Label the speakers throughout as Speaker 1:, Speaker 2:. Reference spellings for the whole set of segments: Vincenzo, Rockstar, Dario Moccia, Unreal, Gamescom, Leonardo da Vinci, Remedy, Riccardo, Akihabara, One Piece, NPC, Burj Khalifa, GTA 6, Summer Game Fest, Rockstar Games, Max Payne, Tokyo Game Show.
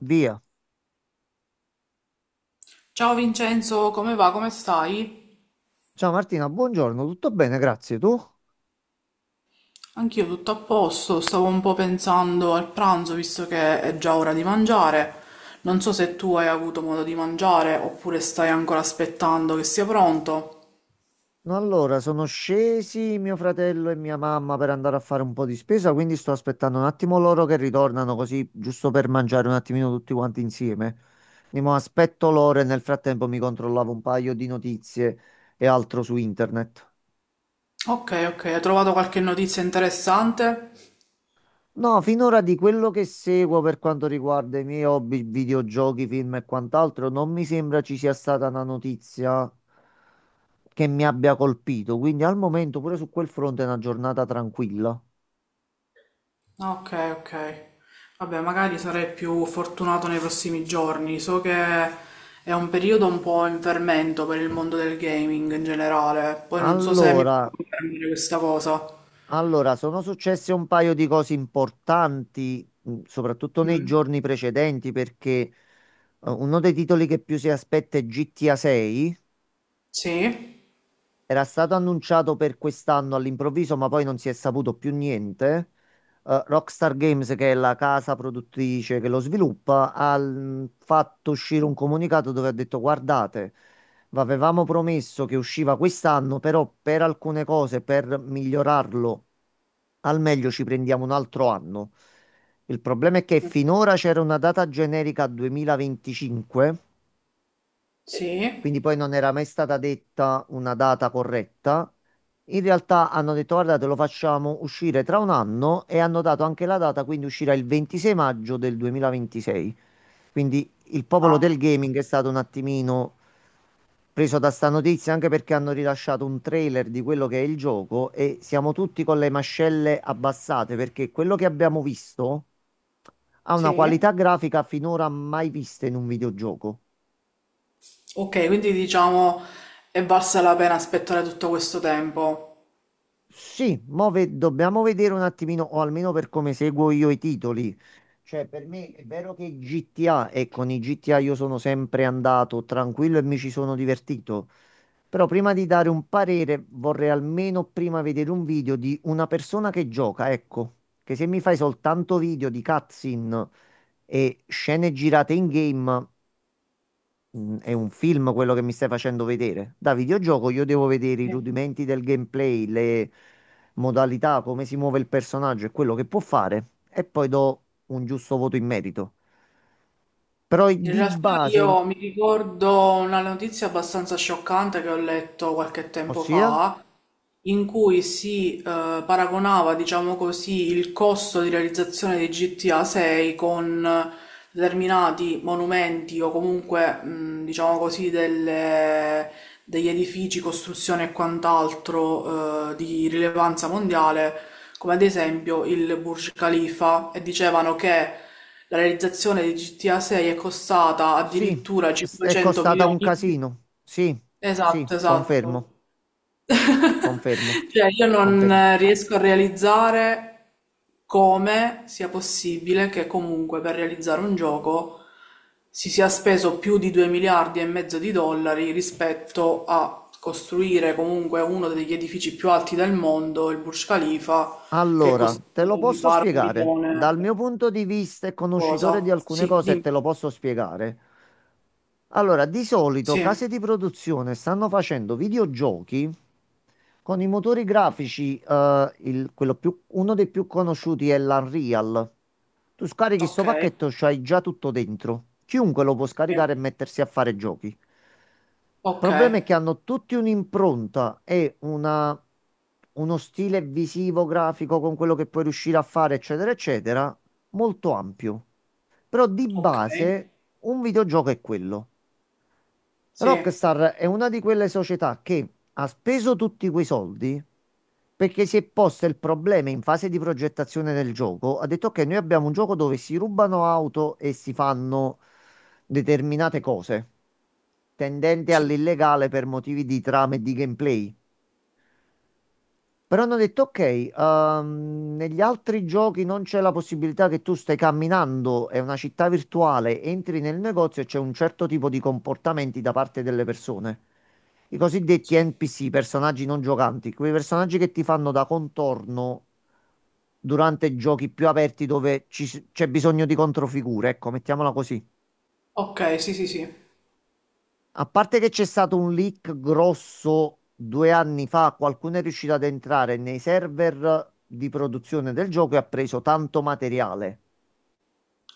Speaker 1: Via.
Speaker 2: Ciao Vincenzo, come va? Come stai?
Speaker 1: Ciao Martina, buongiorno, tutto bene, grazie. Tu?
Speaker 2: Anch'io tutto a posto, stavo un po' pensando al pranzo visto che è già ora di mangiare. Non so se tu hai avuto modo di mangiare oppure stai ancora aspettando che sia pronto.
Speaker 1: No, allora, sono scesi mio fratello e mia mamma per andare a fare un po' di spesa, quindi sto aspettando un attimo loro che ritornano così, giusto per mangiare un attimino tutti quanti insieme. Quindi mo aspetto loro e nel frattempo mi controllavo un paio di notizie e altro su internet.
Speaker 2: Ok, ok, hai trovato qualche notizia interessante?
Speaker 1: No, finora di quello che seguo per quanto riguarda i miei hobby, videogiochi, film e quant'altro, non mi sembra ci sia stata una notizia che mi abbia colpito. Quindi al momento pure su quel fronte è una giornata tranquilla.
Speaker 2: Ok, ok. Vabbè, magari sarei più fortunato nei prossimi giorni. So che è un periodo un po' in fermento per il mondo del gaming in generale. Poi non so se mi puoi
Speaker 1: Allora,
Speaker 2: confermare questa cosa.
Speaker 1: allora, sono successe un paio di cose importanti, soprattutto nei giorni precedenti, perché uno dei titoli che più si aspetta è GTA 6.
Speaker 2: Sì?
Speaker 1: Era stato annunciato per quest'anno all'improvviso, ma poi non si è saputo più niente. Rockstar Games, che è la casa produttrice che lo sviluppa, ha fatto uscire un comunicato dove ha detto: "Guardate, vi avevamo promesso che usciva quest'anno, però per alcune cose, per migliorarlo al meglio, ci prendiamo un altro anno." Il problema è che finora c'era una data generica 2025
Speaker 2: Sì,
Speaker 1: quindi poi non era mai stata detta una data corretta. In realtà hanno detto: "Guardate, lo facciamo uscire tra un anno" e hanno dato anche la data, quindi uscirà il 26 maggio del 2026. Quindi il popolo del
Speaker 2: ah,
Speaker 1: gaming è stato un attimino preso da sta notizia, anche perché hanno rilasciato un trailer di quello che è il gioco e siamo tutti con le mascelle abbassate, perché quello che abbiamo visto ha una
Speaker 2: sì.
Speaker 1: qualità grafica finora mai vista in un videogioco.
Speaker 2: Ok, quindi diciamo è valsa la pena aspettare tutto questo tempo.
Speaker 1: Sì, mo dobbiamo vedere un attimino, o almeno per come seguo io i titoli. Cioè, per me è vero che GTA, e con i GTA io sono sempre andato tranquillo e mi ci sono divertito. Però prima di dare un parere, vorrei almeno prima vedere un video di una persona che gioca, ecco. Che se mi fai soltanto video di cutscene e scene girate in game. Mm, è un film quello che mi stai facendo vedere. Da videogioco io devo vedere i
Speaker 2: Sì.
Speaker 1: rudimenti del gameplay, le modalità, come si muove il personaggio e quello che può fare, e poi do un giusto voto in merito. Però
Speaker 2: In
Speaker 1: di
Speaker 2: realtà
Speaker 1: base,
Speaker 2: io mi ricordo una notizia abbastanza scioccante che ho letto qualche tempo
Speaker 1: ossia,
Speaker 2: fa, in cui si paragonava, diciamo così, il costo di realizzazione di GTA 6 con determinati monumenti o comunque, diciamo così, degli edifici, costruzioni e quant'altro, di rilevanza mondiale, come ad esempio il Burj Khalifa, e dicevano che la realizzazione di GTA 6 è costata
Speaker 1: sì,
Speaker 2: addirittura
Speaker 1: è
Speaker 2: 500
Speaker 1: costata un
Speaker 2: milioni.
Speaker 1: casino. Sì, sì,
Speaker 2: Esatto, esatto.
Speaker 1: confermo, confermo,
Speaker 2: Cioè, io
Speaker 1: confermo.
Speaker 2: non riesco a realizzare come sia possibile che comunque per realizzare un gioco si sia speso più di 2 miliardi e mezzo di dollari rispetto a costruire comunque uno degli edifici più alti del mondo, il Burj Khalifa, che
Speaker 1: Allora,
Speaker 2: costa
Speaker 1: te lo
Speaker 2: mi
Speaker 1: posso
Speaker 2: pare un
Speaker 1: spiegare.
Speaker 2: milione
Speaker 1: Dal
Speaker 2: e
Speaker 1: mio punto di vista e conoscitore di
Speaker 2: qualcosa.
Speaker 1: alcune
Speaker 2: Sì,
Speaker 1: cose, te lo
Speaker 2: dimmi.
Speaker 1: posso spiegare. Allora, di solito
Speaker 2: Sì,
Speaker 1: case di produzione stanno facendo videogiochi con i motori grafici, quello uno dei più conosciuti è l'Unreal. Tu scarichi sto
Speaker 2: ok,
Speaker 1: pacchetto, c'hai già tutto dentro. Chiunque lo può
Speaker 2: sì,
Speaker 1: scaricare e mettersi a fare giochi.
Speaker 2: ok,
Speaker 1: Il problema è che hanno tutti un'impronta e uno stile visivo, grafico con quello che puoi riuscire a fare, eccetera, eccetera, molto ampio. Però di
Speaker 2: ok,
Speaker 1: base un videogioco è quello.
Speaker 2: sì,
Speaker 1: Rockstar è una di quelle società che ha speso tutti quei soldi perché si è posto il problema in fase di progettazione del gioco. Ha detto che noi abbiamo un gioco dove si rubano auto e si fanno determinate cose tendente
Speaker 2: sì,
Speaker 1: all'illegale per motivi di trama e di gameplay. Però hanno detto: "Ok, negli altri giochi non c'è la possibilità che tu stai camminando, è una città virtuale, entri nel negozio e c'è un certo tipo di comportamenti da parte delle persone." I cosiddetti
Speaker 2: sì.
Speaker 1: NPC, personaggi non giocanti, quei personaggi che ti fanno da contorno durante giochi più aperti dove ci c'è bisogno di controfigure, ecco, mettiamola così.
Speaker 2: Ok, sì, sì, sì.
Speaker 1: A parte che c'è stato un leak grosso 2 anni fa, qualcuno è riuscito ad entrare nei server di produzione del gioco e ha preso tanto materiale.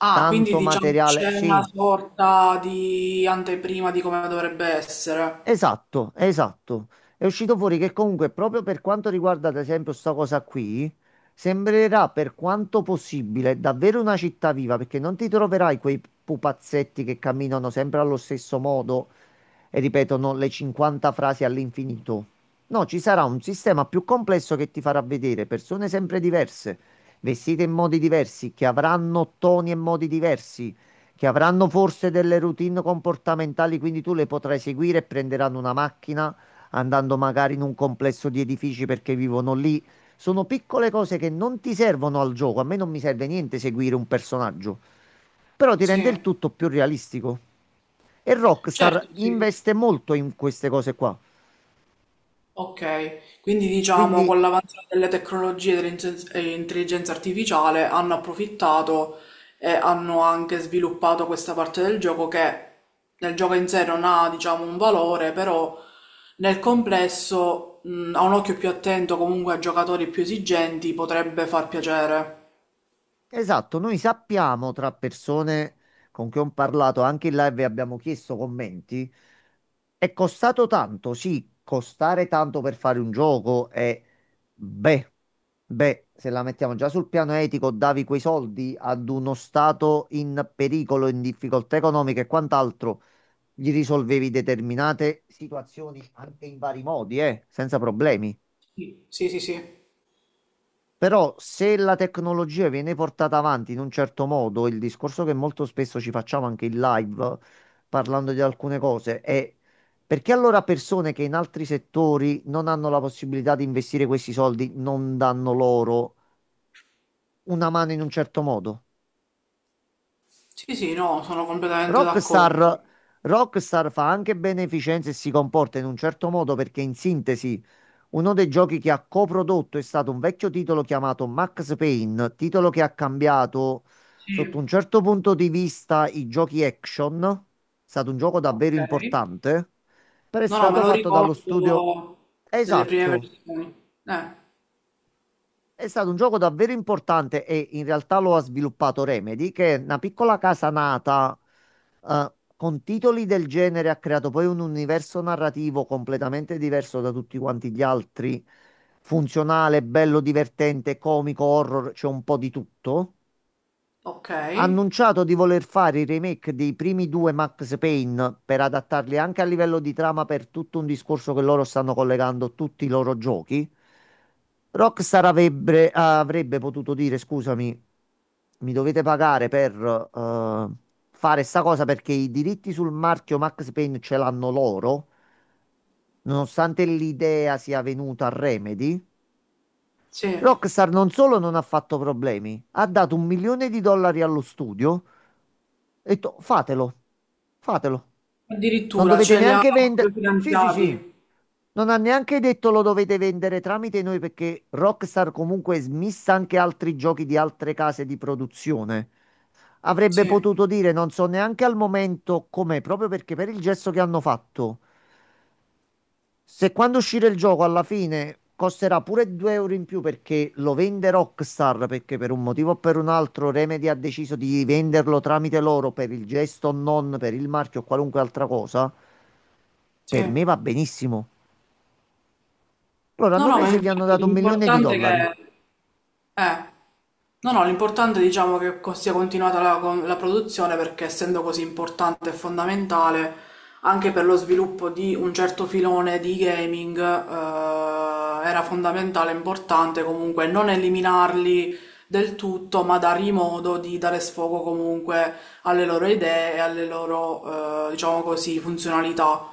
Speaker 2: Ah, quindi
Speaker 1: Tanto
Speaker 2: diciamo che
Speaker 1: materiale,
Speaker 2: c'è una
Speaker 1: sì,
Speaker 2: sorta di anteprima di come dovrebbe essere.
Speaker 1: esatto, esatto. È uscito fuori che comunque proprio per quanto riguarda ad esempio sta cosa qui, sembrerà per quanto possibile davvero una città viva, perché non ti troverai quei pupazzetti che camminano sempre allo stesso modo e ripetono le 50 frasi all'infinito. No, ci sarà un sistema più complesso che ti farà vedere persone sempre diverse, vestite in modi diversi, che avranno toni e modi diversi, che avranno forse delle routine comportamentali, quindi tu le potrai seguire e prenderanno una macchina andando magari in un complesso di edifici perché vivono lì, sono piccole cose che non ti servono al gioco. A me non mi serve niente seguire un personaggio, però ti rende il
Speaker 2: Sì,
Speaker 1: tutto più realistico. E Rockstar
Speaker 2: certo, sì, sì.
Speaker 1: investe molto in queste cose qua.
Speaker 2: Ok, quindi diciamo con
Speaker 1: Quindi
Speaker 2: l'avanzare delle tecnologie e dell'intelligenza e intelligenza artificiale hanno approfittato e hanno anche sviluppato questa parte del gioco che nel gioco in sé non ha, diciamo, un valore, però nel complesso, a un occhio più attento comunque a giocatori più esigenti potrebbe far piacere.
Speaker 1: Esatto, noi sappiamo tra persone con cui ho parlato, anche in live abbiamo chiesto commenti, è costato tanto, sì, costare tanto per fare un gioco è, beh, beh, se la mettiamo già sul piano etico, davi quei soldi ad uno stato in pericolo, in difficoltà economica e quant'altro, gli risolvevi determinate situazioni anche in vari modi, senza problemi.
Speaker 2: Sì, sì, sì, sì.
Speaker 1: Però se la tecnologia viene portata avanti in un certo modo, il discorso che molto spesso ci facciamo anche in live, parlando di alcune cose, è: perché allora persone che in altri settori non hanno la possibilità di investire questi soldi non danno loro una mano in un certo modo?
Speaker 2: Sì, sì, no, sono completamente d'accordo.
Speaker 1: Rockstar, Rockstar fa anche beneficenza e si comporta in un certo modo perché in sintesi... Uno dei giochi che ha coprodotto è stato un vecchio titolo chiamato Max Payne, titolo che ha cambiato sotto
Speaker 2: Sì,
Speaker 1: un certo punto di vista i giochi action. È stato un gioco davvero
Speaker 2: ok.
Speaker 1: importante, però è
Speaker 2: No, no, me
Speaker 1: stato
Speaker 2: lo
Speaker 1: fatto dallo
Speaker 2: ricordo
Speaker 1: studio.
Speaker 2: delle prime
Speaker 1: Esatto.
Speaker 2: versioni. Eh,
Speaker 1: È stato un gioco davvero importante e in realtà lo ha sviluppato Remedy, che è una piccola casa nata con titoli del genere, ha creato poi un universo narrativo completamente diverso da tutti quanti gli altri, funzionale, bello, divertente, comico, horror, c'è un po' di tutto.
Speaker 2: ok.
Speaker 1: Ha annunciato di voler fare i remake dei primi due Max Payne per adattarli anche a livello di trama per tutto un discorso che loro stanno collegando tutti i loro giochi. Rockstar avrebbe potuto dire: "Scusami, mi dovete pagare per eh, fare sta cosa" perché i diritti sul marchio Max Payne ce l'hanno loro, nonostante l'idea sia venuta a Remedy.
Speaker 2: Sì.
Speaker 1: Rockstar non solo non ha fatto problemi, ha dato 1 milione di dollari allo studio e ho detto: "Fatelo, fatelo. Non
Speaker 2: Addirittura
Speaker 1: dovete
Speaker 2: ce li ha
Speaker 1: neanche vendere." Sì, sì, sì.
Speaker 2: finanziati.
Speaker 1: Non ha neanche detto lo dovete vendere tramite noi, perché Rockstar comunque smissa anche altri giochi di altre case di produzione. Avrebbe
Speaker 2: Sì,
Speaker 1: potuto dire, non so neanche al momento com'è, proprio perché per il gesto che hanno fatto. Se quando uscirà il gioco alla fine costerà pure 2 euro in più perché lo vende Rockstar, perché per un motivo o per un altro Remedy ha deciso di venderlo tramite loro per il gesto o non per il marchio o qualunque altra cosa, per
Speaker 2: sì.
Speaker 1: me va benissimo. Loro
Speaker 2: No,
Speaker 1: hanno
Speaker 2: no, ma
Speaker 1: preso e gli hanno
Speaker 2: infatti
Speaker 1: dato un milione di
Speaker 2: l'importante è
Speaker 1: dollari.
Speaker 2: che Eh, no, no, l'importante è diciamo che sia continuata la, la produzione perché essendo così importante e fondamentale anche per lo sviluppo di un certo filone di gaming, era fondamentale e importante comunque non eliminarli del tutto, ma dargli modo di dare sfogo comunque alle loro idee e alle loro, diciamo così, funzionalità.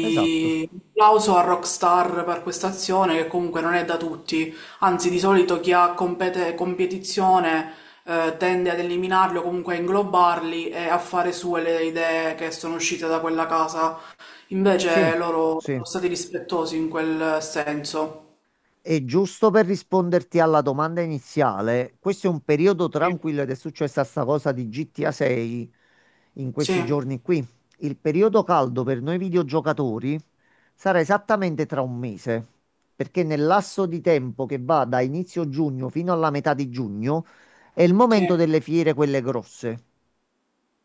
Speaker 1: Esatto.
Speaker 2: applauso a Rockstar per questa azione che comunque non è da tutti. Anzi, di solito chi ha competizione tende ad eliminarli o comunque a inglobarli e a fare sue le idee che sono uscite da quella casa.
Speaker 1: Sì,
Speaker 2: Invece loro
Speaker 1: sì.
Speaker 2: sono stati rispettosi in quel senso.
Speaker 1: E giusto per risponderti alla domanda iniziale, questo è un periodo
Speaker 2: Sì,
Speaker 1: tranquillo ed è successa sta cosa di GTA 6 in questi
Speaker 2: sì,
Speaker 1: giorni qui. Il periodo caldo per noi videogiocatori sarà esattamente tra un mese, perché nel lasso di tempo che va da inizio giugno fino alla metà di giugno è il momento
Speaker 2: sì.
Speaker 1: delle fiere, quelle grosse.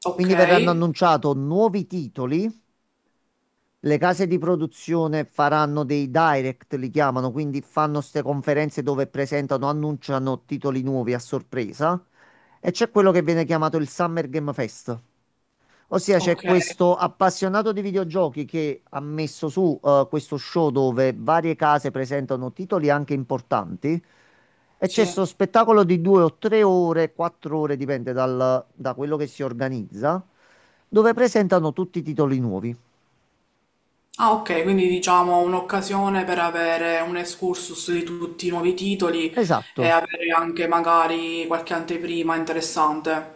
Speaker 2: Ok,
Speaker 1: Quindi verranno annunciati nuovi titoli, le case di produzione faranno dei direct, li chiamano, quindi fanno queste conferenze dove presentano, annunciano titoli nuovi a sorpresa. E c'è quello che viene chiamato il Summer Game Fest. Ossia c'è
Speaker 2: ok,
Speaker 1: questo appassionato di videogiochi che ha messo su questo show dove varie case presentano titoli anche importanti e c'è
Speaker 2: sì.
Speaker 1: questo spettacolo di 2 o 3 ore, 4 ore, dipende da quello che si organizza, dove presentano tutti i titoli nuovi.
Speaker 2: Ah, ok, quindi diciamo un'occasione per avere un excursus di tutti i nuovi titoli e
Speaker 1: Esatto.
Speaker 2: avere anche magari qualche anteprima interessante.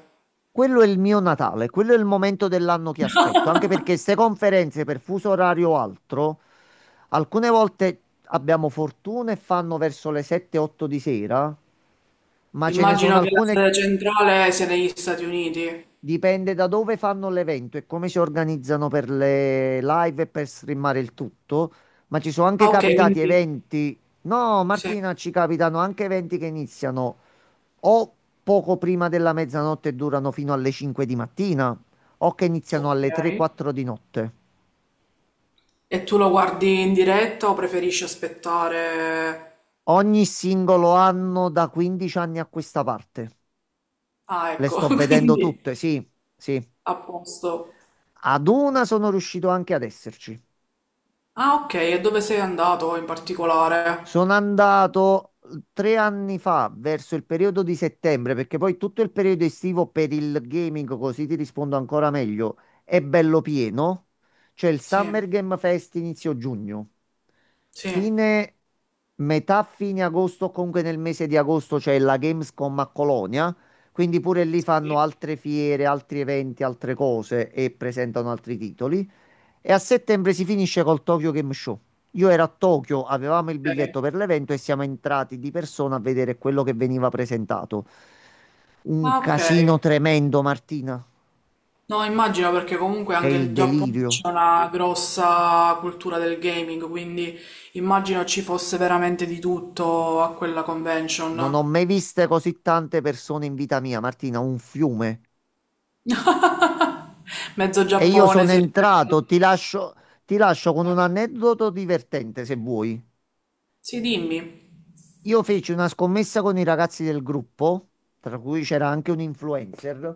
Speaker 1: Quello è il mio Natale, quello è il momento dell'anno che aspetto, anche perché queste conferenze per fuso orario o altro, alcune volte abbiamo fortuna e fanno verso le 7-8 di sera, ma ce ne sono
Speaker 2: Immagino che la
Speaker 1: alcune,
Speaker 2: sede centrale sia negli Stati Uniti.
Speaker 1: dipende da dove fanno l'evento e come si organizzano per le live e per streamare il tutto, ma ci sono anche
Speaker 2: Ah, ok,
Speaker 1: capitati
Speaker 2: quindi
Speaker 1: eventi, no
Speaker 2: sì,
Speaker 1: Martina, ci capitano anche eventi che iniziano o poco prima della mezzanotte e durano fino alle 5 di mattina, o che iniziano
Speaker 2: ok.
Speaker 1: alle 3-4 di notte.
Speaker 2: E tu lo guardi in diretta o preferisci aspettare?
Speaker 1: Ogni singolo anno da 15 anni a questa parte.
Speaker 2: Ah,
Speaker 1: Le
Speaker 2: ecco,
Speaker 1: sto vedendo
Speaker 2: quindi
Speaker 1: tutte, sì, sì.
Speaker 2: a posto.
Speaker 1: Ad una sono riuscito anche ad esserci.
Speaker 2: Ah, ok, e dove sei andato in
Speaker 1: Sono
Speaker 2: particolare?
Speaker 1: andato 3 anni fa, verso il periodo di settembre, perché poi tutto il periodo estivo per il gaming, così ti rispondo ancora meglio, è bello pieno. C'è il
Speaker 2: Sì,
Speaker 1: Summer Game Fest inizio giugno.
Speaker 2: sì.
Speaker 1: Fine, metà fine agosto, o comunque nel mese di agosto c'è la Gamescom a Colonia, quindi pure lì fanno
Speaker 2: Sì,
Speaker 1: altre fiere, altri eventi, altre cose e presentano altri titoli. E a settembre si finisce col Tokyo Game Show. Io ero a Tokyo, avevamo il biglietto
Speaker 2: ok.
Speaker 1: per l'evento e siamo entrati di persona a vedere quello che veniva presentato. Un
Speaker 2: Ah, ok.
Speaker 1: casino tremendo, Martina.
Speaker 2: No, immagino perché comunque
Speaker 1: È
Speaker 2: anche
Speaker 1: il
Speaker 2: in Giappone
Speaker 1: delirio.
Speaker 2: c'è una grossa cultura del gaming, quindi immagino ci fosse veramente di tutto a quella
Speaker 1: Non ho
Speaker 2: convention.
Speaker 1: mai viste così tante persone in vita mia, Martina, un fiume.
Speaker 2: Mezzo
Speaker 1: E io
Speaker 2: Giappone
Speaker 1: sono
Speaker 2: si
Speaker 1: entrato, ti lascio con
Speaker 2: Eh.
Speaker 1: un aneddoto divertente se vuoi.
Speaker 2: Sì, dimmi.
Speaker 1: Io feci una scommessa con i ragazzi del gruppo, tra cui c'era anche un influencer,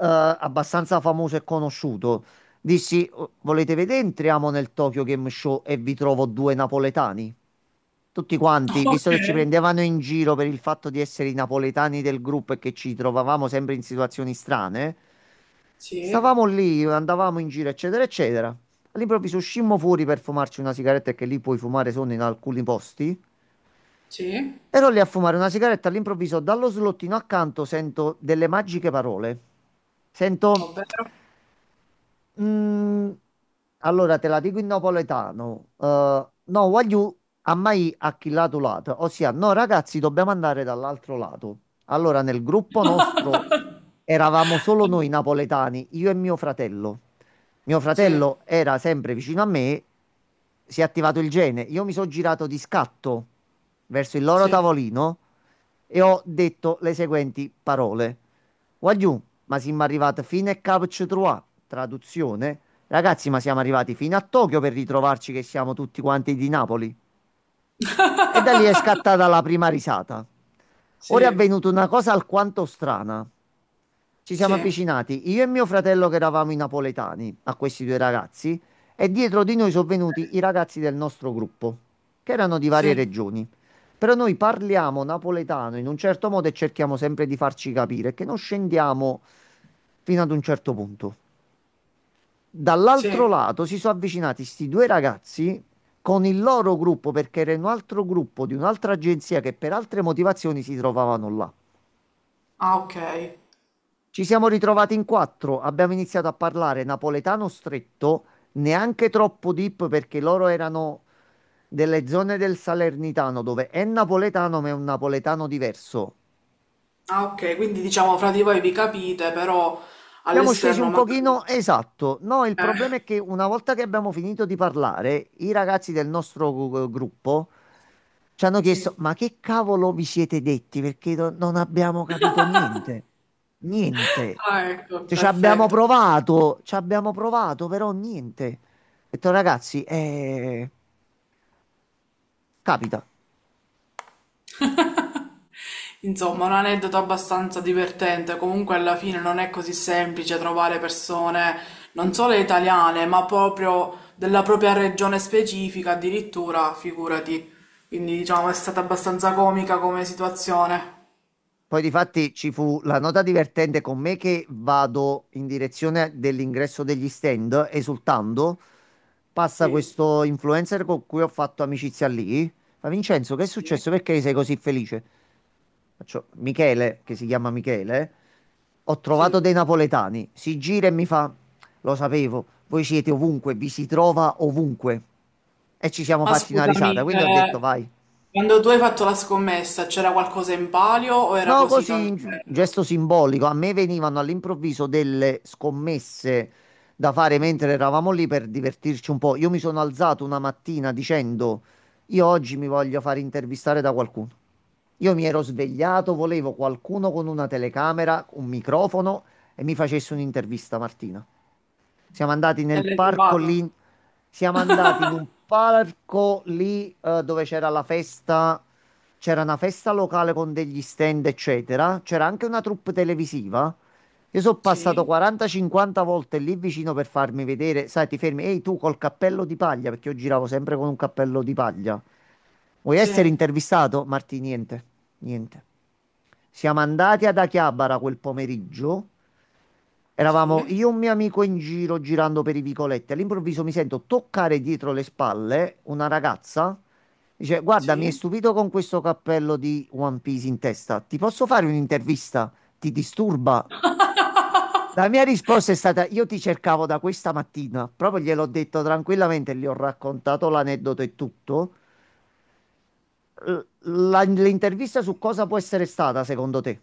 Speaker 1: abbastanza famoso e conosciuto. Dissi: "Oh, volete vedere? Entriamo nel Tokyo Game Show e vi trovo due napoletani." Tutti quanti,
Speaker 2: Ok.
Speaker 1: visto che ci prendevano in giro per il fatto di essere i napoletani del gruppo e che ci trovavamo sempre in situazioni strane,
Speaker 2: Sì,
Speaker 1: stavamo lì, andavamo in giro, eccetera, eccetera. All'improvviso uscimmo fuori per fumarci una sigaretta, che lì puoi fumare solo in alcuni posti.
Speaker 2: sì,
Speaker 1: Ero lì a fumare una sigaretta, all'improvviso dallo slottino accanto sento delle magiche parole. Sento
Speaker 2: ovvero?
Speaker 1: Mm, allora te la dico in napoletano. No, voglio a mai acchillato lato. Ossia, no, ragazzi, dobbiamo andare dall'altro lato. Allora, nel gruppo nostro eravamo solo noi napoletani, io e mio fratello. Mio
Speaker 2: Sì,
Speaker 1: fratello era sempre vicino a me, si è attivato il gene. Io mi sono girato di scatto verso il loro
Speaker 2: sì,
Speaker 1: tavolino e ho detto le seguenti parole. Wagyu ma siamo arrivati fino a Cap Citroa, traduzione. Ragazzi, ma siamo arrivati fino a Tokyo per ritrovarci che siamo tutti quanti di Napoli. E da lì è scattata la prima risata.
Speaker 2: sì,
Speaker 1: Ora è avvenuta una cosa alquanto strana. Ci siamo
Speaker 2: sì,
Speaker 1: avvicinati, io e mio fratello che eravamo i napoletani, a questi due ragazzi, e dietro di noi sono venuti i ragazzi del nostro gruppo, che erano di varie
Speaker 2: sì,
Speaker 1: regioni. Però noi parliamo napoletano in un certo modo e cerchiamo sempre di farci capire, che non scendiamo fino ad un certo punto. Dall'altro
Speaker 2: sì.
Speaker 1: lato si sono avvicinati sti due ragazzi con il loro gruppo perché era un altro gruppo di un'altra agenzia che per altre motivazioni si trovavano là.
Speaker 2: Ah, ok.
Speaker 1: Ci siamo ritrovati in quattro, abbiamo iniziato a parlare napoletano stretto, neanche troppo deep perché loro erano delle zone del Salernitano dove è napoletano ma è un napoletano diverso.
Speaker 2: Ah, ok, quindi diciamo fra di voi vi capite, però
Speaker 1: Siamo scesi
Speaker 2: all'esterno
Speaker 1: un pochino,
Speaker 2: magari...
Speaker 1: esatto. No, il problema
Speaker 2: Eh,
Speaker 1: è che una volta che abbiamo finito di parlare, i ragazzi del nostro gruppo ci hanno chiesto:
Speaker 2: sì.
Speaker 1: ma che cavolo vi siete detti? Perché non abbiamo capito niente. Niente.
Speaker 2: Ah, ecco,
Speaker 1: Cioè,
Speaker 2: perfetto.
Speaker 1: ci abbiamo provato, però niente. Ho detto, ragazzi, capita.
Speaker 2: Insomma, un aneddoto abbastanza divertente. Comunque, alla fine non è così semplice trovare persone non solo italiane, ma proprio della propria regione specifica, addirittura, figurati. Quindi, diciamo, è stata abbastanza comica come situazione.
Speaker 1: Poi difatti ci fu la nota divertente con me che vado in direzione dell'ingresso degli stand, esultando. Passa
Speaker 2: Sì,
Speaker 1: questo influencer con cui ho fatto amicizia lì. Fa: Vincenzo, che è
Speaker 2: Sì.
Speaker 1: successo? Perché sei così felice? Faccio: Michele, che si chiama Michele, ho
Speaker 2: sì.
Speaker 1: trovato dei napoletani. Si gira e mi fa: Lo sapevo, voi siete ovunque, vi si trova ovunque. E ci siamo
Speaker 2: Ma
Speaker 1: fatti una risata.
Speaker 2: scusami,
Speaker 1: Quindi ho detto: Vai.
Speaker 2: quando tu hai fatto la scommessa, c'era qualcosa in palio o era
Speaker 1: No,
Speaker 2: così
Speaker 1: così,
Speaker 2: tanto
Speaker 1: un
Speaker 2: bello?
Speaker 1: gesto simbolico. A me venivano all'improvviso delle scommesse da fare
Speaker 2: Mm.
Speaker 1: mentre eravamo lì per divertirci un po'. Io mi sono alzato una mattina dicendo: io oggi mi voglio fare intervistare da qualcuno. Io mi ero svegliato, volevo qualcuno con una telecamera, un microfono e mi facesse un'intervista, Martina. Siamo andati
Speaker 2: E
Speaker 1: nel
Speaker 2: l'hai
Speaker 1: parco
Speaker 2: trovato?
Speaker 1: lì. Siamo andati in un parco lì dove c'era la festa. C'era una festa locale con degli stand, eccetera. C'era anche una troupe televisiva. Io sono passato
Speaker 2: Sì,
Speaker 1: 40-50 volte lì vicino per farmi vedere. Sai, ti fermi, ehi tu col cappello di paglia, perché io giravo sempre con un cappello di paglia. Vuoi
Speaker 2: sì,
Speaker 1: essere intervistato? Marti, niente, niente. Siamo andati ad Akihabara quel pomeriggio.
Speaker 2: sì,
Speaker 1: Eravamo io e un mio amico in giro girando per i vicoletti. All'improvviso mi sento toccare dietro le spalle una ragazza. Dice: Guarda, mi hai
Speaker 2: sì.
Speaker 1: stupito con questo cappello di One Piece in testa. Ti posso fare un'intervista? Ti disturba? La mia risposta è stata: Io ti cercavo da questa mattina. Proprio gliel'ho detto tranquillamente, gli ho raccontato l'aneddoto e tutto. L- L'intervista su cosa può essere stata, secondo te?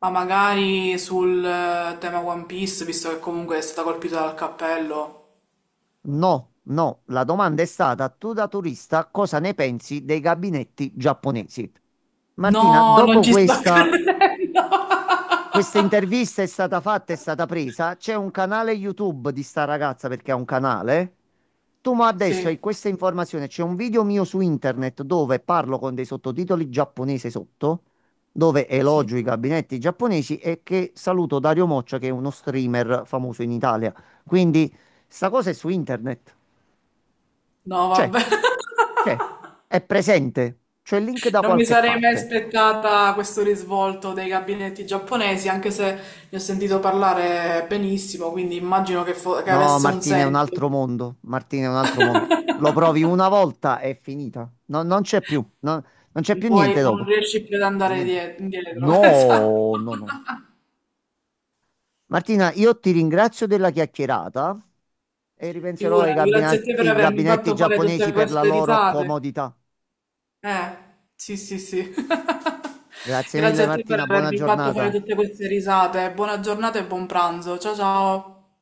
Speaker 2: Ma magari sul tema One Piece, visto che comunque è stata colpita dal cappello.
Speaker 1: No, no, la domanda è stata: tu da turista cosa ne pensi dei gabinetti giapponesi? Martina,
Speaker 2: No, non
Speaker 1: dopo
Speaker 2: ci sto
Speaker 1: questa,
Speaker 2: credendo.
Speaker 1: questa intervista è stata fatta, è stata presa, c'è un canale YouTube di sta ragazza perché ha un canale. Tu ma adesso hai
Speaker 2: Sì,
Speaker 1: questa informazione, c'è un video mio su internet dove parlo con dei sottotitoli giapponese sotto, dove
Speaker 2: sì.
Speaker 1: elogio i gabinetti giapponesi e che saluto Dario Moccia, che è uno streamer famoso in Italia. Quindi sta cosa è su internet.
Speaker 2: No,
Speaker 1: C'è.
Speaker 2: vabbè.
Speaker 1: C'è, è presente, c'è il link da
Speaker 2: Non mi
Speaker 1: qualche
Speaker 2: sarei mai
Speaker 1: parte.
Speaker 2: aspettata questo risvolto dei gabinetti giapponesi, anche se ne ho sentito parlare benissimo, quindi immagino che, che
Speaker 1: No,
Speaker 2: avesse un
Speaker 1: Martina, è un
Speaker 2: senso.
Speaker 1: altro mondo. Martina, è un altro mondo. Lo provi una volta, è finita. No, non c'è più, non c'è
Speaker 2: E
Speaker 1: più niente
Speaker 2: poi non
Speaker 1: dopo.
Speaker 2: riesci più ad
Speaker 1: E
Speaker 2: andare
Speaker 1: niente.
Speaker 2: indietro. Esatto.
Speaker 1: No, no, no. Martina, io ti ringrazio della chiacchierata e ripenserò ai
Speaker 2: Figurati, grazie a te per
Speaker 1: ai
Speaker 2: avermi
Speaker 1: gabinetti
Speaker 2: fatto fare tutte
Speaker 1: giapponesi per la
Speaker 2: queste
Speaker 1: loro
Speaker 2: risate.
Speaker 1: comodità.
Speaker 2: Eh, sì, sì, sì.
Speaker 1: Grazie mille,
Speaker 2: Grazie a te per
Speaker 1: Martina, buona
Speaker 2: avermi fatto fare
Speaker 1: giornata.
Speaker 2: tutte queste risate. Buona giornata e buon pranzo. Ciao ciao.